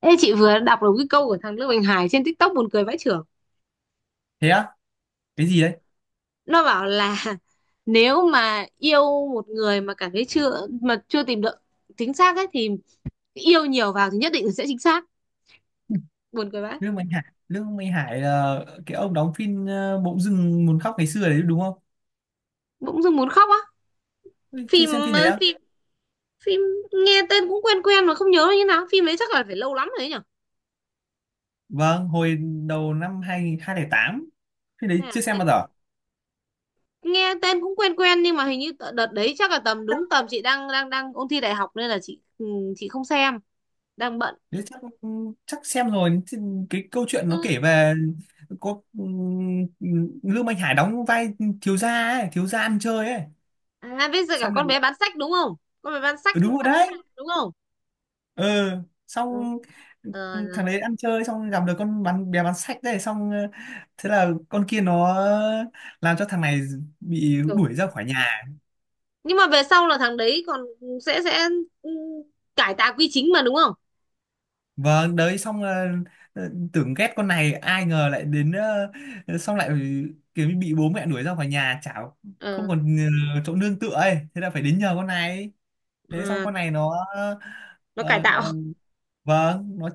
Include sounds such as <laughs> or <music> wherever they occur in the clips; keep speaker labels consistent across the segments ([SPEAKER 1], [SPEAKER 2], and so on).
[SPEAKER 1] Ê, chị vừa đọc được cái câu của thằng Lương bình Hải trên TikTok buồn cười vãi chưởng.
[SPEAKER 2] Thế á? Cái gì đấy?
[SPEAKER 1] Nó bảo là <laughs> nếu mà yêu một người mà cảm thấy chưa tìm được chính xác ấy thì yêu nhiều vào thì nhất định sẽ chính xác. Buồn cười vãi.
[SPEAKER 2] Lương Minh Hải là cái ông đóng phim Bỗng dưng muốn khóc ngày xưa đấy, đúng không?
[SPEAKER 1] Bỗng dưng muốn khóc á.
[SPEAKER 2] Ui, chưa
[SPEAKER 1] Phim
[SPEAKER 2] xem phim đấy
[SPEAKER 1] ờ,
[SPEAKER 2] á.
[SPEAKER 1] phim phim nghe tên cũng quen quen mà không nhớ là như nào. Phim đấy chắc là phải lâu lắm rồi đấy nhở.
[SPEAKER 2] Vâng, hồi đầu năm 2008, phim
[SPEAKER 1] Hay
[SPEAKER 2] đấy
[SPEAKER 1] là
[SPEAKER 2] chưa xem
[SPEAKER 1] thế-
[SPEAKER 2] bao giờ.
[SPEAKER 1] Nghe tên cũng quen quen nhưng mà hình như đợt đấy chắc là đúng
[SPEAKER 2] chắc
[SPEAKER 1] tầm chị đang đang đang ôn thi đại học nên là chị không xem. Đang bận.
[SPEAKER 2] nếu chắc ừ, Chắc xem rồi. Thì cái câu chuyện nó kể về có Lương Minh Hải đóng vai thiếu gia thiếu gia ăn chơi ấy,
[SPEAKER 1] À, bây giờ cả
[SPEAKER 2] xong lại.
[SPEAKER 1] con bé bán sách đúng không? Con bé bán sách
[SPEAKER 2] Ừ, đúng rồi
[SPEAKER 1] tặng
[SPEAKER 2] đấy.
[SPEAKER 1] khách hàng đúng không?
[SPEAKER 2] Ừ,
[SPEAKER 1] Ừ.
[SPEAKER 2] xong. ừ,
[SPEAKER 1] Ờ,
[SPEAKER 2] Thằng đấy ăn chơi xong gặp được con bé bán sách đấy, xong thế là con kia nó làm cho thằng này bị
[SPEAKER 1] kiểu-
[SPEAKER 2] đuổi ra khỏi nhà.
[SPEAKER 1] nhưng mà về sau là thằng đấy còn sẽ ừ, cải tạo quy chính mà đúng không?
[SPEAKER 2] Vâng, đấy. Xong tưởng ghét con này ai ngờ lại đến xong lại kiểu như bị bố mẹ đuổi ra khỏi nhà, chả không
[SPEAKER 1] Ờ,
[SPEAKER 2] còn chỗ nương tựa ấy, thế là phải đến nhờ con này. Thế xong
[SPEAKER 1] à,
[SPEAKER 2] con này nó
[SPEAKER 1] nó cải
[SPEAKER 2] ờ,
[SPEAKER 1] tạo.
[SPEAKER 2] vâng, nó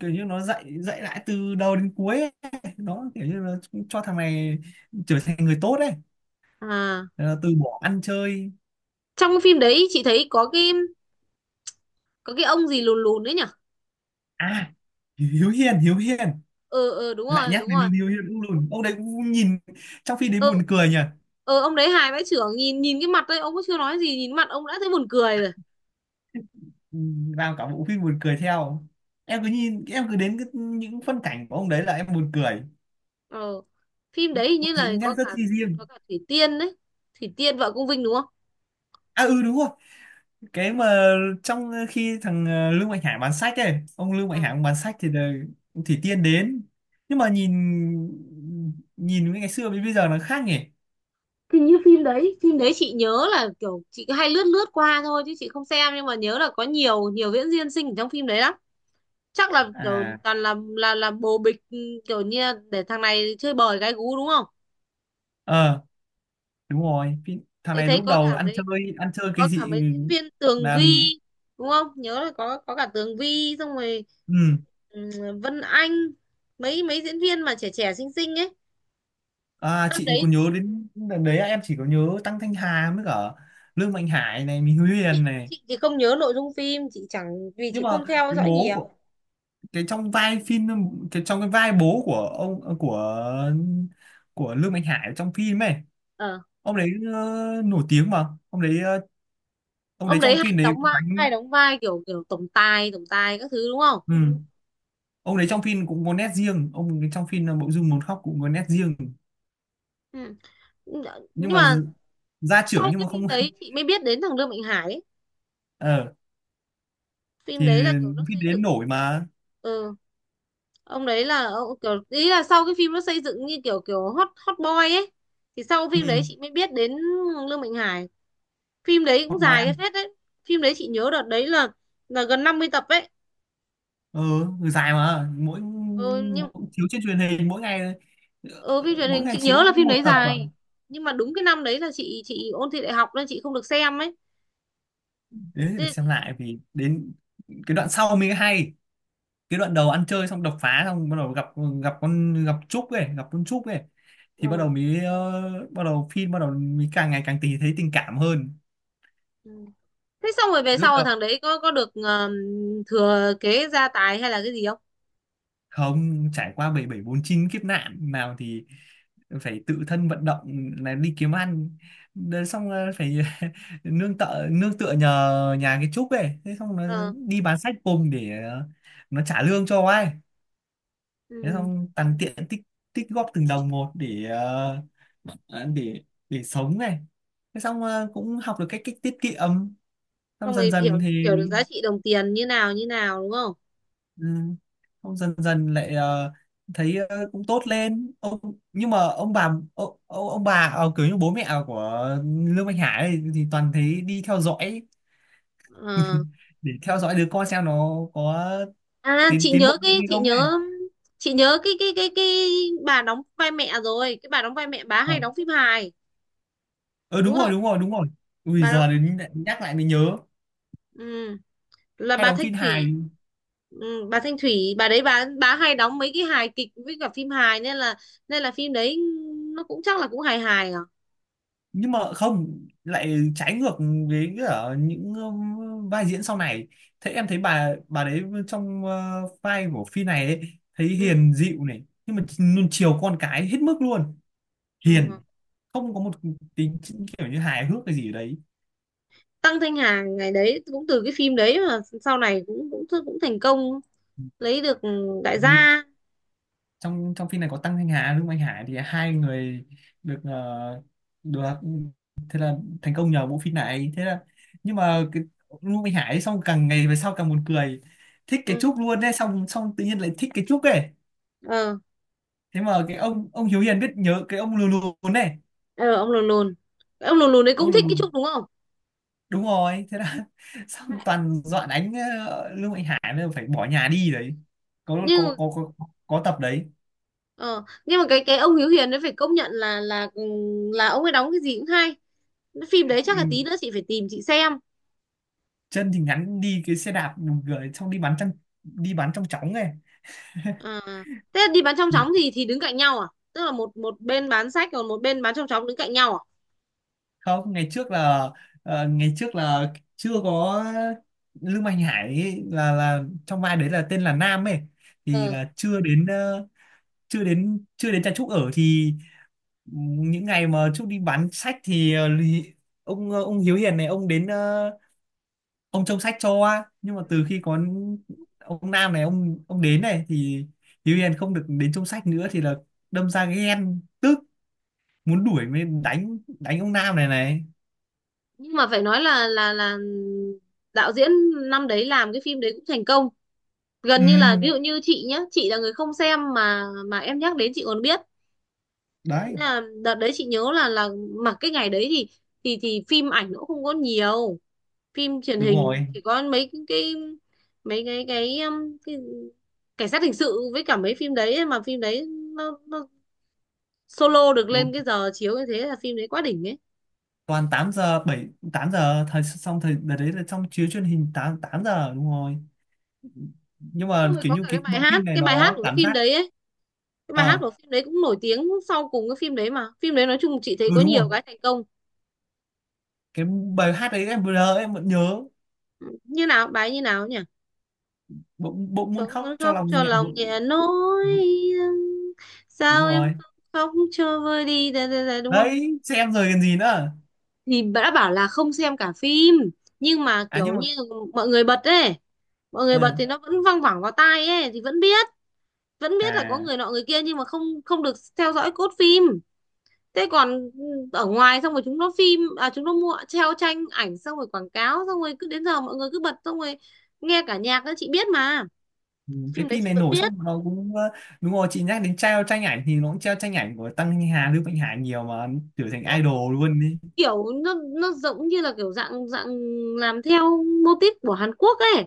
[SPEAKER 2] kiểu như nó dạy dạy lại từ đầu đến cuối ấy. Nó kiểu như là cho thằng này trở thành người tốt đấy.
[SPEAKER 1] À,
[SPEAKER 2] Ờ, từ bỏ ăn chơi.
[SPEAKER 1] trong cái phim đấy chị thấy có cái ông gì lùn lùn đấy nhỉ?
[SPEAKER 2] À, Hiếu Hiền. Hiếu Hiền
[SPEAKER 1] Ờ ờ đúng
[SPEAKER 2] lại
[SPEAKER 1] rồi,
[SPEAKER 2] nhắc
[SPEAKER 1] đúng
[SPEAKER 2] đến
[SPEAKER 1] rồi.
[SPEAKER 2] ông Hiếu Hiền cũng luôn, ông đấy cũng nhìn trong phim đấy
[SPEAKER 1] Ờ
[SPEAKER 2] buồn cười nhỉ.
[SPEAKER 1] ông đấy hài vãi chưởng, nhìn nhìn cái mặt đấy ông cũng chưa nói gì, nhìn mặt ông đã thấy buồn cười rồi.
[SPEAKER 2] Ừ, làm cả bộ phim buồn cười theo. Em cứ nhìn em cứ đến cái, những phân cảnh của ông đấy là em buồn cười.
[SPEAKER 1] Ờ. Phim đấy hình
[SPEAKER 2] Ông
[SPEAKER 1] như là
[SPEAKER 2] diễn nét
[SPEAKER 1] có
[SPEAKER 2] rất
[SPEAKER 1] cả
[SPEAKER 2] chi riêng.
[SPEAKER 1] có cả Thủy Tiên đấy. Thủy Tiên vợ Công Vinh đúng không?
[SPEAKER 2] À, ừ đúng rồi. Cái mà trong khi thằng Lương Mạnh Hải bán sách ấy, ông Lương Mạnh
[SPEAKER 1] Ờ.
[SPEAKER 2] Hải ông bán sách thì là ông Thủy Tiên đến. Nhưng mà nhìn nhìn với ngày xưa với bây giờ nó khác nhỉ.
[SPEAKER 1] Thì như phim đấy chị nhớ là kiểu chị cứ hay lướt lướt qua thôi chứ chị không xem, nhưng mà nhớ là có nhiều nhiều diễn viên xinh ở trong phim đấy lắm. Chắc là kiểu
[SPEAKER 2] À,
[SPEAKER 1] toàn là bồ bịch, kiểu như là để thằng này chơi bời gái gú đúng không.
[SPEAKER 2] ờ đúng rồi. Cái thằng
[SPEAKER 1] Đấy,
[SPEAKER 2] này
[SPEAKER 1] thấy
[SPEAKER 2] lúc
[SPEAKER 1] có
[SPEAKER 2] đầu
[SPEAKER 1] cả mấy
[SPEAKER 2] ăn chơi
[SPEAKER 1] có
[SPEAKER 2] cái
[SPEAKER 1] cả
[SPEAKER 2] gì
[SPEAKER 1] mấy diễn viên Tường
[SPEAKER 2] nào thì
[SPEAKER 1] Vi đúng không, nhớ là có cả Tường Vi xong rồi,
[SPEAKER 2] ừ.
[SPEAKER 1] ừ, Vân Anh, mấy mấy diễn viên mà trẻ trẻ xinh xinh ấy,
[SPEAKER 2] À,
[SPEAKER 1] năm
[SPEAKER 2] chị
[SPEAKER 1] đấy.
[SPEAKER 2] còn nhớ đến đợt đấy em chỉ có nhớ Tăng Thanh Hà với cả Lương Mạnh Hải này, Mình Huyền này.
[SPEAKER 1] Chị thì không nhớ nội dung phim, chị chẳng vì
[SPEAKER 2] Nhưng
[SPEAKER 1] chị
[SPEAKER 2] mà
[SPEAKER 1] không theo
[SPEAKER 2] cái
[SPEAKER 1] dõi
[SPEAKER 2] bố của,
[SPEAKER 1] nhiều.
[SPEAKER 2] cái trong vai phim, cái trong cái vai bố của ông, của Lương Mạnh Hải trong phim ấy.
[SPEAKER 1] Ờ.
[SPEAKER 2] Ông đấy nổi tiếng mà. ông đấy ờ, ông
[SPEAKER 1] Ông
[SPEAKER 2] đấy
[SPEAKER 1] đấy
[SPEAKER 2] trong
[SPEAKER 1] hay
[SPEAKER 2] phim đấy
[SPEAKER 1] đóng
[SPEAKER 2] cũng
[SPEAKER 1] vai
[SPEAKER 2] đánh.
[SPEAKER 1] hay đóng vai kiểu kiểu tổng tài các thứ đúng không.
[SPEAKER 2] Ừ. Ông đấy
[SPEAKER 1] Ừ.
[SPEAKER 2] trong phim cũng có nét riêng. Ông ấy trong phim là Mộ Dung Một Khóc cũng có nét riêng.
[SPEAKER 1] Ừ.
[SPEAKER 2] Nhưng
[SPEAKER 1] Nhưng
[SPEAKER 2] mà
[SPEAKER 1] mà
[SPEAKER 2] gia trưởng,
[SPEAKER 1] sau
[SPEAKER 2] nhưng
[SPEAKER 1] cái
[SPEAKER 2] mà
[SPEAKER 1] phim
[SPEAKER 2] không.
[SPEAKER 1] đấy chị
[SPEAKER 2] <laughs>
[SPEAKER 1] mới biết đến thằng Lương Mạnh Hải ấy.
[SPEAKER 2] Ờ,
[SPEAKER 1] Phim
[SPEAKER 2] thì
[SPEAKER 1] đấy là kiểu nó
[SPEAKER 2] phim
[SPEAKER 1] xây
[SPEAKER 2] đến nổi
[SPEAKER 1] dựng.
[SPEAKER 2] mà.
[SPEAKER 1] ừ ông đấy là ông kiểu, ý là sau cái phim nó xây dựng như kiểu kiểu hot hot boy ấy. Thì sau
[SPEAKER 2] Ừ.
[SPEAKER 1] phim đấy chị mới biết đến Lương Mạnh Hải. Phim đấy cũng
[SPEAKER 2] Hot Boy
[SPEAKER 1] dài cái
[SPEAKER 2] ăn.
[SPEAKER 1] phết đấy. Phim đấy chị nhớ đợt đấy là gần 50 tập ấy.
[SPEAKER 2] ờ Người dài mà, mỗi,
[SPEAKER 1] Ừ, nhưng
[SPEAKER 2] mỗi chiếu trên truyền hình mỗi ngày.
[SPEAKER 1] ừ phim
[SPEAKER 2] ờ,
[SPEAKER 1] truyền hình
[SPEAKER 2] Mỗi ngày
[SPEAKER 1] chị
[SPEAKER 2] chiếu
[SPEAKER 1] nhớ là
[SPEAKER 2] có
[SPEAKER 1] phim
[SPEAKER 2] một
[SPEAKER 1] đấy
[SPEAKER 2] tập à?
[SPEAKER 1] dài. Nhưng mà đúng cái năm đấy là chị ôn thi đại học nên chị không được xem ấy.
[SPEAKER 2] Đấy thì
[SPEAKER 1] Thế
[SPEAKER 2] phải
[SPEAKER 1] là
[SPEAKER 2] xem
[SPEAKER 1] chị
[SPEAKER 2] lại vì đến cái đoạn sau mới hay. Cái đoạn đầu ăn chơi xong đập phá xong bắt đầu gặp gặp con gặp Trúc ấy gặp con Trúc ấy. Thì bắt
[SPEAKER 1] ờ,
[SPEAKER 2] đầu mới ờ, bắt đầu phim bắt đầu mới càng ngày càng tì thấy tình cảm hơn.
[SPEAKER 1] ừ. Thế xong rồi về
[SPEAKER 2] Lúc
[SPEAKER 1] sau rồi
[SPEAKER 2] đầu
[SPEAKER 1] thằng đấy có được thừa kế gia tài hay là cái gì không.
[SPEAKER 2] không trải qua bảy bảy bốn chín kiếp nạn nào thì phải tự thân vận động là đi kiếm ăn. Đến xong là phải <laughs> nương tựa nhờ nhà cái Trúc ấy. Thế xong nó
[SPEAKER 1] Ờ.
[SPEAKER 2] đi bán sách cùng để nó trả lương cho ai. Thế
[SPEAKER 1] Ừ.
[SPEAKER 2] xong tăng tiện tích tích góp từng đồng một ờ, để để sống này. Thế xong cũng học được cách cách tiết kiệm. Xong
[SPEAKER 1] Xong
[SPEAKER 2] dần
[SPEAKER 1] rồi hiểu
[SPEAKER 2] dần thì
[SPEAKER 1] hiểu được giá trị đồng tiền như nào đúng không.
[SPEAKER 2] ừ, xong dần dần lại thấy cũng tốt lên ông. Nhưng mà ông bà, bà kiểu như bố mẹ của Lương Mạnh Hải ấy, thì toàn thấy đi theo dõi
[SPEAKER 1] Ờ.
[SPEAKER 2] để theo dõi đứa con xem nó có
[SPEAKER 1] À,
[SPEAKER 2] tiến
[SPEAKER 1] chị
[SPEAKER 2] tiến bộ
[SPEAKER 1] nhớ cái,
[SPEAKER 2] hay
[SPEAKER 1] chị
[SPEAKER 2] không ấy.
[SPEAKER 1] nhớ chị nhớ cái bà đóng vai mẹ, rồi cái bà đóng vai mẹ bà
[SPEAKER 2] Ờ,
[SPEAKER 1] hay đóng phim hài
[SPEAKER 2] ừ
[SPEAKER 1] đúng
[SPEAKER 2] đúng rồi,
[SPEAKER 1] không.
[SPEAKER 2] đúng rồi, đúng rồi. Ui,
[SPEAKER 1] Bà đóng,
[SPEAKER 2] giờ đến nhắc lại mới nhớ.
[SPEAKER 1] ừ là
[SPEAKER 2] Hay
[SPEAKER 1] bà
[SPEAKER 2] đóng
[SPEAKER 1] Thanh
[SPEAKER 2] phim hài
[SPEAKER 1] Thủy. Ừ, bà Thanh Thủy bà đấy, bà hay đóng mấy cái hài kịch với cả phim hài, nên là phim đấy nó cũng chắc là cũng hài hài à.
[SPEAKER 2] nhưng mà không lại trái ngược với cả những vai diễn sau này. Thế em thấy bà đấy trong vai của phi này ấy, thấy
[SPEAKER 1] Ừ.
[SPEAKER 2] hiền dịu này nhưng mà luôn chiều con cái hết mức luôn. Hiền,
[SPEAKER 1] Ừ.
[SPEAKER 2] không có một tính kiểu như hài hước cái gì ở đấy.
[SPEAKER 1] Tăng Thanh Hà ngày đấy cũng từ cái phim đấy mà sau này cũng cũng cũng thành công, lấy được đại
[SPEAKER 2] Ừ,
[SPEAKER 1] gia.
[SPEAKER 2] trong trong phim này có Tăng Thanh Hà với Anh Hải thì hai người được ờ, được thành công nhờ bộ phim này. Thế là, nhưng mà cái Ngô Minh Hải xong càng ngày về sau càng buồn cười, thích cái
[SPEAKER 1] Ừ.
[SPEAKER 2] Trúc luôn đấy. Xong xong tự nhiên lại thích cái Trúc ấy.
[SPEAKER 1] ờ
[SPEAKER 2] Thế mà cái ông Hiếu Hiền biết nhớ cái ông lù lù này,
[SPEAKER 1] ờ ông lùn lùn Cái ông lùn lùn đấy cũng
[SPEAKER 2] ông lù
[SPEAKER 1] thích
[SPEAKER 2] lù
[SPEAKER 1] cái Trúc đúng không.
[SPEAKER 2] đúng rồi. Thế là <laughs> xong toàn dọa đánh, Lương Mạnh Hải mới phải bỏ nhà đi đấy. có
[SPEAKER 1] nhưng
[SPEAKER 2] có
[SPEAKER 1] mà-
[SPEAKER 2] có có tập đấy.
[SPEAKER 1] ờ, nhưng mà cái ông Hiếu Hiền đấy phải công nhận là ông ấy đóng cái gì cũng hay. Cái phim đấy chắc là
[SPEAKER 2] Ừ,
[SPEAKER 1] tí nữa chị phải tìm chị xem.
[SPEAKER 2] chân thì ngắn, đi cái xe đạp buồn cười, xong đi bắn trong chóng này.
[SPEAKER 1] À, thế đi bán trong chóng thì đứng cạnh nhau à? Tức là một một bên bán sách còn một bên bán trong chóng đứng cạnh nhau à?
[SPEAKER 2] Không, ngày trước là chưa có Lương Mạnh Hải ấy, là trong vai đấy là tên là Nam ấy. Thì
[SPEAKER 1] Ờ,
[SPEAKER 2] là chưa đến ờ, chưa đến chưa đến cha Trúc ở thì, những ngày mà Trúc đi bán sách thì, ông Hiếu Hiền này ông trông sách cho. Nhưng mà từ khi có ông Nam này, ông đến này thì Hiếu Hiền không được đến trông sách nữa, thì là đâm ra ghen tức muốn đuổi, mới đánh đánh ông Nam này này.
[SPEAKER 1] nhưng mà phải nói là đạo diễn năm đấy làm cái phim đấy cũng thành công. Gần như là ví
[SPEAKER 2] Ừ
[SPEAKER 1] dụ như chị nhá, chị là người không xem mà em nhắc đến chị còn biết. Nên
[SPEAKER 2] đấy,
[SPEAKER 1] là đợt đấy chị nhớ là mà cái ngày đấy thì phim ảnh nó cũng không có nhiều, phim truyền
[SPEAKER 2] đúng
[SPEAKER 1] hình
[SPEAKER 2] rồi,
[SPEAKER 1] chỉ có mấy cái, mấy cái cái, um, cái cảnh sát hình sự với cả mấy phim đấy ấy, mà phim đấy nó solo được lên
[SPEAKER 2] đúng.
[SPEAKER 1] cái giờ chiếu như thế là phim đấy quá đỉnh ấy.
[SPEAKER 2] Toàn 8 giờ, 7 8 giờ, thời đợt đấy là xong chiếu truyền hình 8 8 giờ đúng rồi. Nhưng mà
[SPEAKER 1] Xong rồi
[SPEAKER 2] kiểu
[SPEAKER 1] có
[SPEAKER 2] như
[SPEAKER 1] cả cái
[SPEAKER 2] cái
[SPEAKER 1] bài
[SPEAKER 2] bộ phim
[SPEAKER 1] hát
[SPEAKER 2] này
[SPEAKER 1] cái bài hát
[SPEAKER 2] nó
[SPEAKER 1] của cái
[SPEAKER 2] cảm
[SPEAKER 1] phim
[SPEAKER 2] giác
[SPEAKER 1] đấy ấy, cái bài hát
[SPEAKER 2] ờ,
[SPEAKER 1] của phim đấy cũng nổi tiếng sau cùng cái phim đấy, mà phim đấy nói chung chị thấy
[SPEAKER 2] ừ
[SPEAKER 1] có
[SPEAKER 2] đúng rồi.
[SPEAKER 1] nhiều cái thành công.
[SPEAKER 2] Cái bài hát đấy em vừa nhớ em vẫn nhớ.
[SPEAKER 1] Như nào bài như nào nhỉ?
[SPEAKER 2] Bỗng bỗng muốn
[SPEAKER 1] Bỗng
[SPEAKER 2] khóc
[SPEAKER 1] muốn
[SPEAKER 2] cho
[SPEAKER 1] khóc
[SPEAKER 2] lòng
[SPEAKER 1] cho
[SPEAKER 2] nhẹ
[SPEAKER 1] lòng
[SPEAKER 2] vội.
[SPEAKER 1] nhẹ nỗi thương.
[SPEAKER 2] Đúng
[SPEAKER 1] Sao em
[SPEAKER 2] rồi
[SPEAKER 1] không khóc cho vơi đi da, da, da, đúng không.
[SPEAKER 2] đấy, xem rồi còn gì nữa.
[SPEAKER 1] Thì đã bảo là không xem cả phim, nhưng mà
[SPEAKER 2] À,
[SPEAKER 1] kiểu
[SPEAKER 2] nhưng mà
[SPEAKER 1] như mọi người bật ấy, mọi người bật thì
[SPEAKER 2] ừ.
[SPEAKER 1] nó vẫn văng vẳng vào tai ấy thì vẫn biết, vẫn biết là có
[SPEAKER 2] À,
[SPEAKER 1] người nọ người kia nhưng mà không không được theo dõi cốt phim. Thế còn, ừ, ở ngoài xong rồi chúng nó mua treo tranh ảnh xong rồi quảng cáo xong rồi cứ đến giờ mọi người cứ bật xong rồi nghe cả nhạc đó chị biết mà.
[SPEAKER 2] ừ, cái
[SPEAKER 1] Phim đấy
[SPEAKER 2] phim
[SPEAKER 1] chị
[SPEAKER 2] này
[SPEAKER 1] vẫn
[SPEAKER 2] nổi
[SPEAKER 1] biết.
[SPEAKER 2] xong nó cũng đúng rồi. Chị nhắc đến treo tranh ảnh thì nó cũng treo tranh ảnh của Tăng Hà Lưu Mạnh Hà nhiều mà, trở thành
[SPEAKER 1] Ừ.
[SPEAKER 2] idol luôn đi.
[SPEAKER 1] Kiểu nó giống như là kiểu dạng dạng làm theo mô típ của Hàn Quốc ấy,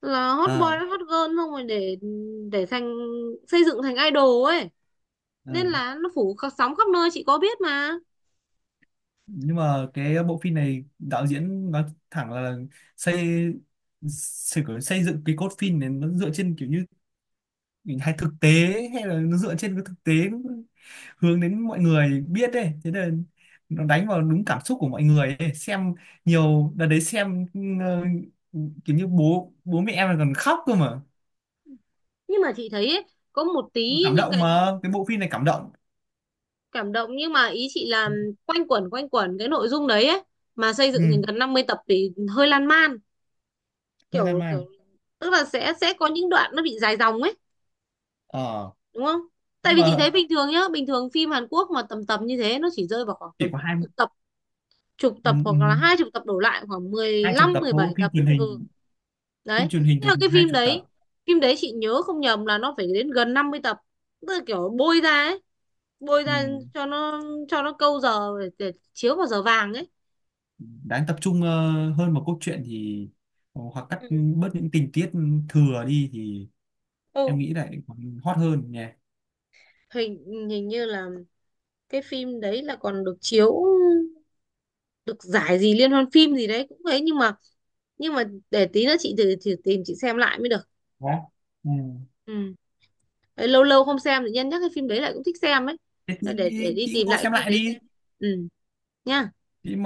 [SPEAKER 1] là hot boy
[SPEAKER 2] Ờ,
[SPEAKER 1] hot girl xong rồi để xây dựng thành idol ấy.
[SPEAKER 2] ừ.
[SPEAKER 1] Nên là nó sóng khắp nơi chị có biết mà.
[SPEAKER 2] Nhưng mà cái bộ phim này đạo diễn nói thẳng là xây xây, xây dựng cái cốt phim này nó dựa trên kiểu như hình hài thực tế ấy, hay là nó dựa trên cái thực tế hướng đến mọi người biết đấy, thế nên nó đánh vào đúng cảm xúc của mọi người ấy. Xem nhiều đợt đấy xem ờ, kiểu như bố bố mẹ em là còn khóc cơ mà.
[SPEAKER 1] Nhưng mà chị thấy ấy, có một tí
[SPEAKER 2] Cảm
[SPEAKER 1] những
[SPEAKER 2] động
[SPEAKER 1] cái
[SPEAKER 2] mà, cái bộ phim này cảm động.
[SPEAKER 1] cảm động, nhưng mà ý chị là quanh quẩn cái nội dung đấy ấy, mà xây dựng
[SPEAKER 2] Ừ,
[SPEAKER 1] thành gần 50 tập thì hơi lan man.
[SPEAKER 2] hơi lan
[SPEAKER 1] Kiểu kiểu
[SPEAKER 2] man.
[SPEAKER 1] tức là sẽ có những đoạn nó bị dài dòng ấy
[SPEAKER 2] Ờ,
[SPEAKER 1] đúng không. Tại
[SPEAKER 2] nhưng
[SPEAKER 1] vì chị
[SPEAKER 2] mà
[SPEAKER 1] thấy bình thường nhá, bình thường phim Hàn Quốc mà tầm tầm như thế nó chỉ rơi vào khoảng
[SPEAKER 2] chỉ
[SPEAKER 1] tầm
[SPEAKER 2] có
[SPEAKER 1] khoảng
[SPEAKER 2] hai.
[SPEAKER 1] chục tập chục
[SPEAKER 2] Ừ,
[SPEAKER 1] tập
[SPEAKER 2] ừ,
[SPEAKER 1] hoặc là 20 tập đổ lại, khoảng mười
[SPEAKER 2] hai chục
[SPEAKER 1] lăm
[SPEAKER 2] tập
[SPEAKER 1] mười
[SPEAKER 2] thôi.
[SPEAKER 1] bảy
[SPEAKER 2] phim
[SPEAKER 1] tập.
[SPEAKER 2] truyền
[SPEAKER 1] Ừ.
[SPEAKER 2] hình phim
[SPEAKER 1] Đấy,
[SPEAKER 2] truyền hình
[SPEAKER 1] nhưng
[SPEAKER 2] từ
[SPEAKER 1] mà cái
[SPEAKER 2] hai
[SPEAKER 1] phim
[SPEAKER 2] chục tập.
[SPEAKER 1] đấy phim đấy chị nhớ không nhầm là nó phải đến gần 50 tập, tức là kiểu bôi ra ấy, bôi
[SPEAKER 2] Ừ.
[SPEAKER 1] ra cho nó câu giờ để chiếu vào giờ vàng ấy.
[SPEAKER 2] Đáng tập trung hơn vào cốt truyện thì hoặc cắt
[SPEAKER 1] Ừ.
[SPEAKER 2] bớt những tình tiết thừa đi thì em
[SPEAKER 1] Ừ.
[SPEAKER 2] nghĩ lại còn hot hơn nhỉ.
[SPEAKER 1] hình hình như là cái phim đấy là còn được chiếu, được giải gì liên hoan phim gì đấy cũng thế, nhưng mà nhưng mà để tí nữa chị thử tìm chị xem lại mới được.
[SPEAKER 2] Đó, ừ.
[SPEAKER 1] Ừ. Đấy, lâu lâu không xem thì nhân nhắc cái phim đấy lại cũng thích xem ấy.
[SPEAKER 2] Thế thì,
[SPEAKER 1] Thế để đi
[SPEAKER 2] chị
[SPEAKER 1] tìm
[SPEAKER 2] mua
[SPEAKER 1] lại cái
[SPEAKER 2] xem
[SPEAKER 1] phim
[SPEAKER 2] lại
[SPEAKER 1] đấy xem.
[SPEAKER 2] đi.
[SPEAKER 1] Ừ, nhá.
[SPEAKER 2] Chị